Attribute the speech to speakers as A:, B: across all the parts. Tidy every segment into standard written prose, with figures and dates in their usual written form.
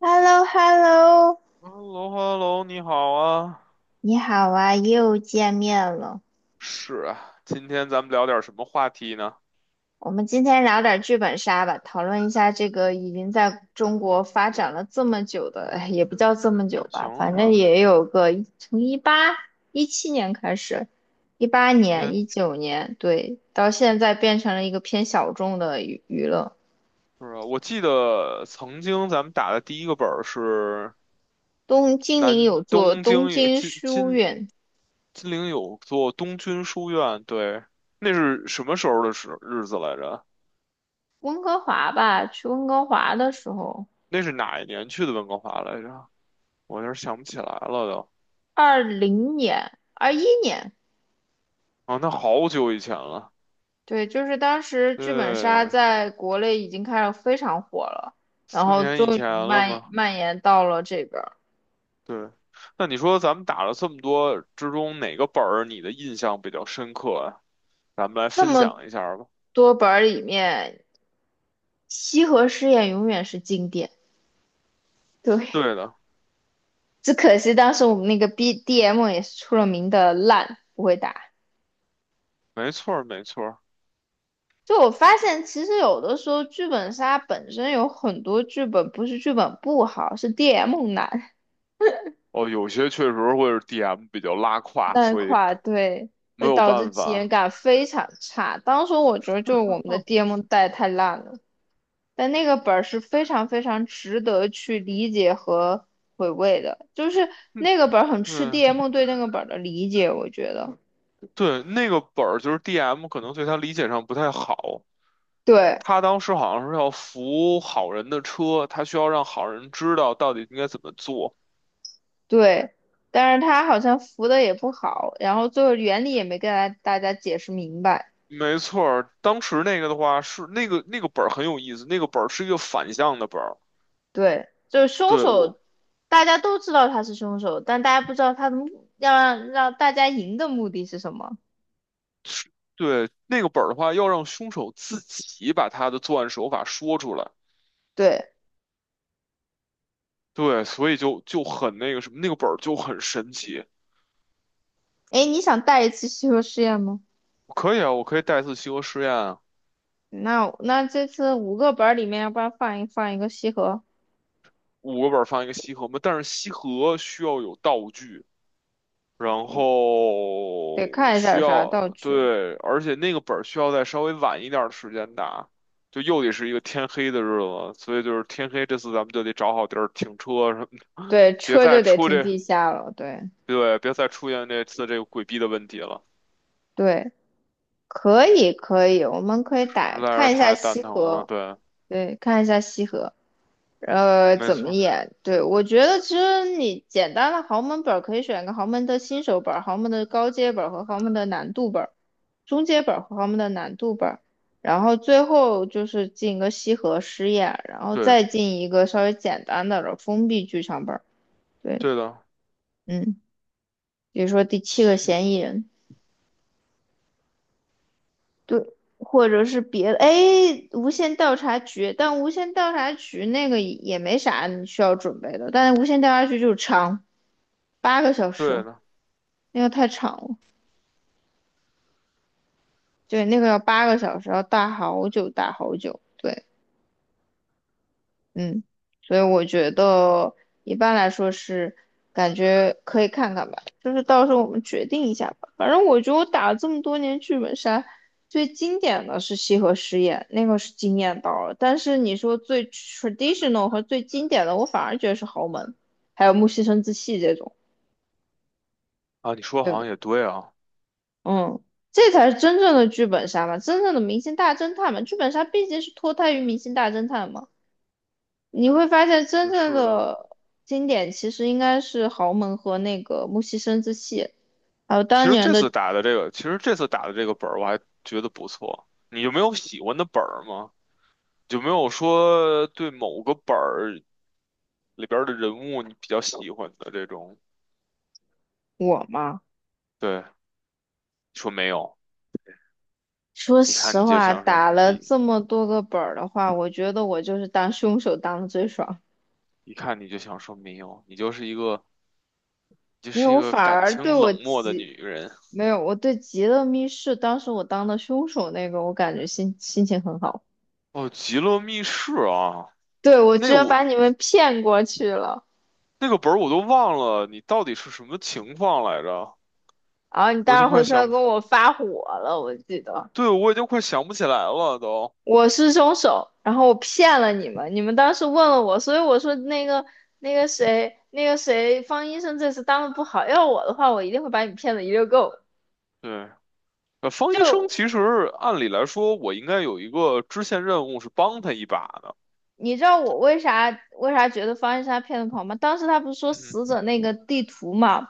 A: h e l l o h e l l o
B: h e l l o h e l l o 你好啊。
A: 你好啊，又见面了。
B: 是啊，今天咱们聊点什么话题呢？
A: 我们今天聊点剧本杀吧，讨论一下这个已经在中国发展了这么久的，哎也不叫这么久吧，
B: 行
A: 反正
B: 啊，
A: 也有个从17年开始，一八
B: 因
A: 年、
B: 为
A: 19年，对，到现在变成了一个偏小众的娱乐。
B: 是啊，我记得曾经咱们打的第一个本儿是
A: 东金陵
B: 南
A: 有座
B: 东
A: 东
B: 京有
A: 京书院，
B: 金陵有座东军书院，对，那是什么时候的时日子来着？
A: 温哥华吧，去温哥华的时候，
B: 那是哪一年去的温哥华来着？我有点想不起来了都。
A: 20年、21年。
B: 啊，那好久以前了，
A: 对，就是当时剧本杀
B: 对，
A: 在国内已经开始非常火了，然
B: 四
A: 后
B: 年以
A: 终于
B: 前了
A: 蔓
B: 嘛。
A: 蔓延到了这边儿。
B: 对，那你说咱们打了这么多之中，哪个本儿你的印象比较深刻啊？咱们来
A: 这
B: 分
A: 么
B: 享一下儿吧。
A: 多本儿里面，西河试验永远是经典。对，
B: 对的，
A: 只可惜当时我们那个 BDM 也是出了名的烂，不会打。
B: 没错儿，没错儿。
A: 就我发现，其实有的时候剧本杀本身有很多剧本不是剧本不好，是 DM 难。
B: 哦，有些确实会是 DM 比较拉胯，
A: 那
B: 所以
A: 块对，
B: 没
A: 会
B: 有
A: 导致
B: 办
A: 体验
B: 法。
A: 感非常差。当时我觉得就是我们的 DM 带太烂了，但那个本儿是非常非常值得去理解和回味的，就是
B: 嗯
A: 那个本儿很吃
B: 嗯，嗯，
A: DM 对那个本儿的理解，我觉得。
B: 对，那个本儿就是 DM 可能对他理解上不太好。
A: 对
B: 他当时好像是要扶好人的车，他需要让好人知道到底应该怎么做。
A: 对，但是他好像扶的也不好，然后最后原理也没跟大家解释明白。
B: 没错儿，当时那个的话是那个本儿很有意思，那个本儿是一个反向的本儿。
A: 对，就是凶
B: 对我
A: 手，大家都知道他是凶手，但大家不知道他的目要让大家赢的目的是什么。
B: 对那个本儿的话，要让凶手自己把他的作案手法说出来。
A: 对，
B: 对，所以就很那个什么，那个本儿就很神奇。
A: 哎，你想带一次西河实验吗？
B: 可以啊，我可以带一次西河实验啊，
A: 那这次五个本儿里面，要不然放一个西河，
B: 五个本儿放一个西河嘛，但是西河需要有道具。然
A: 得
B: 后
A: 看一下
B: 需
A: 有啥道
B: 要，
A: 具。
B: 对，而且那个本儿需要在稍微晚一点儿的时间打，就又得是一个天黑的日子，所以就是天黑这次咱们就得找好地儿停车什么的
A: 对，
B: 别
A: 车就
B: 再
A: 得
B: 出
A: 停
B: 这，
A: 地下了。对
B: 对，别再出现这次这个鬼逼的问题了，
A: 对，可以可以，我们可以打
B: 实在是
A: 看一下
B: 太蛋
A: 西
B: 疼了，
A: 河，
B: 对，
A: 对，看一下西河。
B: 没
A: 怎
B: 错
A: 么
B: 儿
A: 演？对，我觉得其实你简单的豪门本儿可以选个豪门的新手本儿、豪门的高阶本儿和豪门的难度本儿、中阶本儿和豪门的难度本儿，然后最后就是进个西河试验，然后
B: 对，
A: 再进一个稍微简单的了封闭剧场本儿。对，
B: 对的，
A: 嗯，比如说第七个
B: 西
A: 嫌疑人，对，或者是别的，哎，无线调查局，但无线调查局那个也没啥你需要准备的，但是无线调查局就是长。八个小时，
B: 对的，
A: 那个太长了。对，那个要八个小时，要大好久大好久。对，嗯，所以我觉得一般来说是感觉可以看看吧，就是到时候我们决定一下吧。反正我觉得我打了这么多年剧本杀，最经典的是西河实验，那个是惊艳到了。但是你说最 traditional 和最经典的，我反而觉得是豪门，还有木西生子戏这种。
B: 啊，你说
A: 对
B: 好
A: 吧？
B: 像也对啊，
A: 嗯，这才是真正的剧本杀嘛，真正的明星大侦探嘛，剧本杀毕竟是脱胎于明星大侦探嘛。你会发现，真正
B: 是的，
A: 的经典其实应该是豪门和那个木西生之戏，还有当年的
B: 其实这次打的这个本儿我还觉得不错，你就没有喜欢的本儿吗？有没有说对某个本儿里边儿的人物你比较喜欢的这种？
A: 我嘛。
B: 对，说没有，
A: 说
B: 一看
A: 实
B: 你就
A: 话，
B: 想说
A: 打了
B: 一
A: 这么多个本儿的话，我觉得我就是当凶手当的最爽。
B: 一看你就想说没有，你就
A: 没有，
B: 是一
A: 我
B: 个
A: 反
B: 感
A: 而
B: 情
A: 对我
B: 冷漠的
A: 急，
B: 女人。
A: 没有，我对极乐密室当时我当的凶手那个，我感觉心情很好。
B: 哦，《极乐密室》啊，
A: 对，我
B: 那
A: 居
B: 个
A: 然
B: 我
A: 把你们骗过去了，
B: 那个本儿我都忘了，你到底是什么情况来着？
A: 然后你
B: 我已经
A: 当时
B: 快
A: 回去还
B: 想，
A: 跟我发火了，我记得
B: 对，我已经快想不起来了都。
A: 我是凶手，然后我骗了你们，你们当时问了我，所以我说那个那个谁那个谁方医生这次当的不好，要我的话，我一定会把你骗的一溜够。
B: 对，呃，方医生
A: 就
B: 其实按理来说，我应该有一个支线任务是帮他一把的。
A: 你知道我为啥觉得方医生他骗的不好吗？当时他不是说死
B: 嗯。
A: 者那个地图嘛，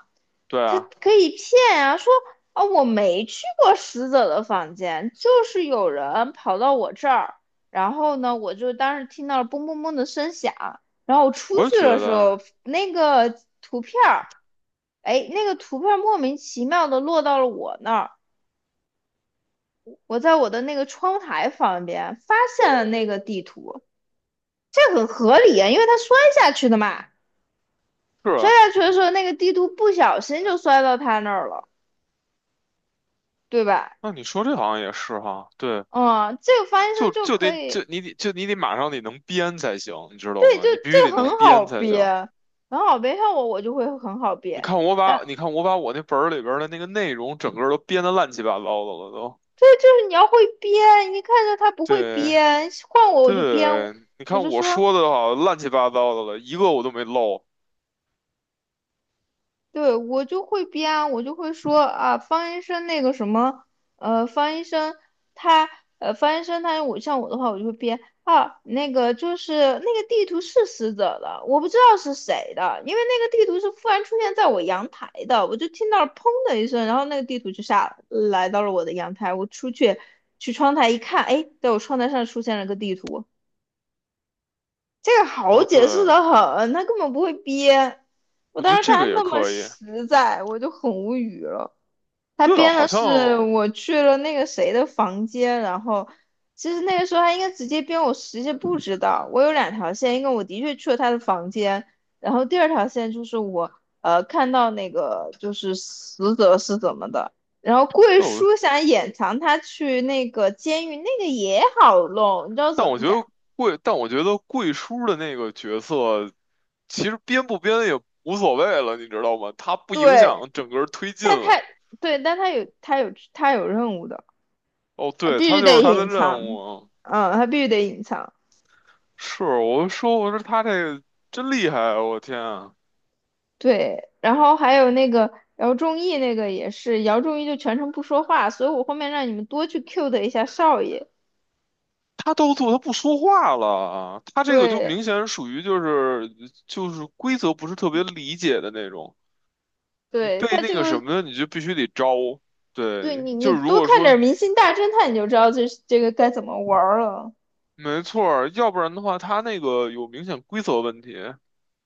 B: 对
A: 他
B: 啊，
A: 可以骗啊，说啊我没去过死者的房间，就是有人跑到我这儿，然后呢，我就当时听到了嘣嘣嘣的声响，然后我出
B: 我也
A: 去
B: 觉
A: 的时
B: 得
A: 候，那个图片儿，哎，那个图片莫名其妙的落到了我那儿，我在我的那个窗台旁边发现了那个地图，这很合理啊，因为他摔下去的嘛，
B: 是
A: 摔
B: 啊。
A: 下去的时候那个地图不小心就摔到他那儿了，对吧？
B: 那你说这好像也是哈，对，
A: 哦，这个翻
B: 就
A: 身就
B: 就得
A: 可
B: 就
A: 以，
B: 你得就你得马上得能编才行，你知道
A: 对，
B: 吗？
A: 就
B: 你必须
A: 这
B: 得
A: 个
B: 能
A: 很好
B: 编才
A: 憋，
B: 行。
A: 很好憋。像我，我就会很好憋。啊，
B: 你看我把我那本儿里边儿的那个内容整个儿都编得乱七八糟的了都。
A: 对，就是你要会憋，你看着他不会
B: 对
A: 憋，换我我就憋，
B: 对，你
A: 我
B: 看
A: 就
B: 我
A: 说
B: 说的好乱七八糟的了，一个我都没漏。
A: 对，我就会编啊，我就会说啊，方医生那个什么，方医生他，方医生他，我像我的话，我就会编啊，那个就是那个地图是死者的，我不知道是谁的，因为那个地图是忽然出现在我阳台的，我就听到了砰的一声，然后那个地图就下来到了我的阳台，我出去去窗台一看，哎，在我窗台上出现了个地图，这个好
B: 哦，对，
A: 解释的很，他根本不会编。我
B: 我觉
A: 当
B: 得
A: 时看
B: 这个
A: 他
B: 也
A: 那么
B: 可以。
A: 实在，我就很无语了。他
B: 对啊，
A: 编
B: 好
A: 的
B: 像
A: 是我去了那个谁的房间，然后其实那个时候他应该直接编我实际不知道。我有两条线，一个我的确去了他的房间，然后第二条线就是我看到那个就是死者是怎么的。然后贵
B: 哦，
A: 叔想掩藏他去那个监狱，那个也好弄，你知道
B: 但
A: 怎
B: 我
A: 么
B: 觉
A: 讲？
B: 得但我觉得贵叔的那个角色。其实编不编也无所谓了，你知道吗？它不影
A: 对，
B: 响整个推进
A: 但他
B: 了。
A: 对，但他有他有他有任务的，
B: 哦，
A: 他
B: 对，
A: 必
B: 他
A: 须
B: 就是
A: 得
B: 他的
A: 隐
B: 任
A: 藏，
B: 务。
A: 嗯，他必须得隐藏。
B: 是，我说他这个真厉害啊，我天啊，
A: 对，然后还有那个姚仲义那个也是，姚仲义就全程不说话，所以我后面让你们多去 cue 的一下少爷。
B: 他都做，他不说话了，啊！他这个就明
A: 对，
B: 显属于就是规则不是特别理解的那种，你
A: 对
B: 被
A: 他
B: 那
A: 这
B: 个什
A: 个，
B: 么，你就必须得招。
A: 对
B: 对，
A: 你
B: 就
A: 你
B: 是如
A: 多
B: 果
A: 看点
B: 说
A: 《明星大侦探》，你就知道这个该怎么玩儿了。
B: 没错儿，要不然的话，他那个有明显规则问题。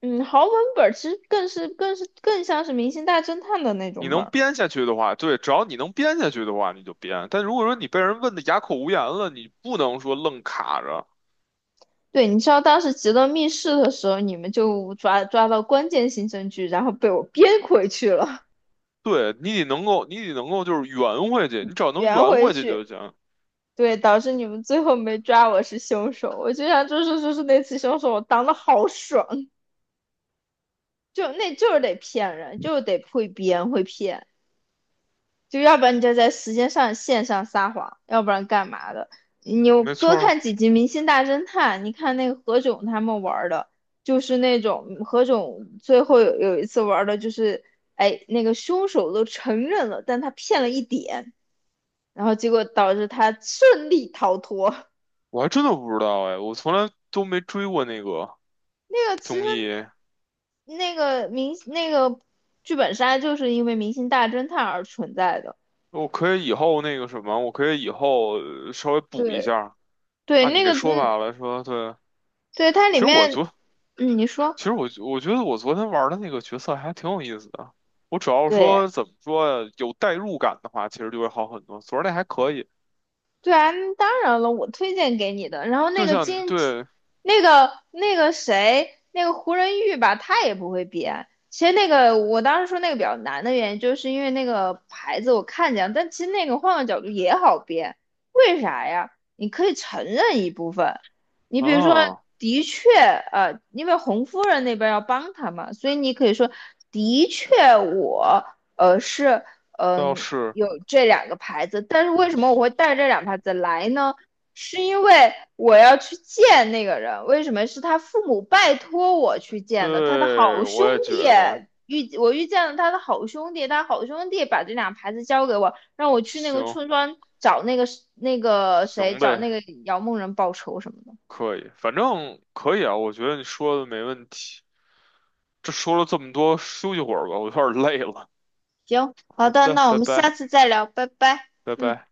A: 嗯，豪门本儿其实更像是《明星大侦探》的那
B: 你
A: 种
B: 能
A: 本。
B: 编下去的话，对，只要你能编下去的话，你就编。但如果说你被人问的哑口无言了，你不能说愣卡着，
A: 对，你知道当时极乐密室的时候，你们就抓到关键性证据，然后被我编回去了，
B: 对，你得能够就是圆回去，你只要能
A: 圆
B: 圆
A: 回
B: 回去
A: 去，
B: 就行。
A: 对，导致你们最后没抓我是凶手。我就想，就是那次凶手，我当的好爽，就那就是得骗人，就是得会编会骗。就要不然你就在时间上线上撒谎，要不然干嘛的？你
B: 没错
A: 多
B: 儿，
A: 看几集《明星大侦探》，你看那个何炅他们玩的，就是那种何炅最后有一次玩的就是，哎，那个凶手都承认了，但他骗了一点，然后结果导致他顺利逃脱。
B: 我还真的不知道哎，我从来都没追过那个
A: 那个其实
B: 综艺。
A: 那个明那个剧本杀就是因为《明星大侦探》而存在的，
B: 我可以以后那个什么，我可以以后稍微补一
A: 对
B: 下。
A: 对，
B: 按你
A: 那
B: 这
A: 个
B: 说
A: 嗯，
B: 法来说，对，
A: 对它
B: 其
A: 里
B: 实我
A: 面
B: 昨
A: 嗯，你说
B: 其实我觉得我昨天玩的那个角色还挺有意思的。我主要
A: 对。
B: 说怎么说呀，有代入感的话，其实就会好很多。昨儿那还可以，
A: 对啊，那当然了，我推荐给你的。然后那
B: 就
A: 个
B: 像
A: 金，
B: 对，
A: 那个那个谁，那个胡仁玉吧，他也不会编。其实那个我当时说那个比较难的原因，就是因为那个牌子我看见了，但其实那个换个角度也好编。为啥呀？你可以承认一部分，你比如说，
B: 啊，
A: 的确，因为红夫人那边要帮他嘛，所以你可以说，的确我，是
B: 倒
A: 嗯，
B: 是
A: 有这两个牌子。但是为什么我会带这两个牌子来呢？是因为我要去见那个人，为什么是他父母拜托我去见的？他的
B: 对，
A: 好兄
B: 我也
A: 弟
B: 觉得
A: 遇见了他的好兄弟，他好兄弟把这两牌子交给我，让我去那个
B: 行
A: 村庄找那个那个谁，
B: 行
A: 找那
B: 呗，
A: 个姚梦人报仇什么的。
B: 可以，反正可以啊。我觉得你说的没问题。这说了这么多，休息会儿吧，我有点儿累了。
A: 行，好
B: 好
A: 的，
B: 的，
A: 那我
B: 拜
A: 们下
B: 拜，
A: 次再聊，拜拜，
B: 拜
A: 嗯。
B: 拜。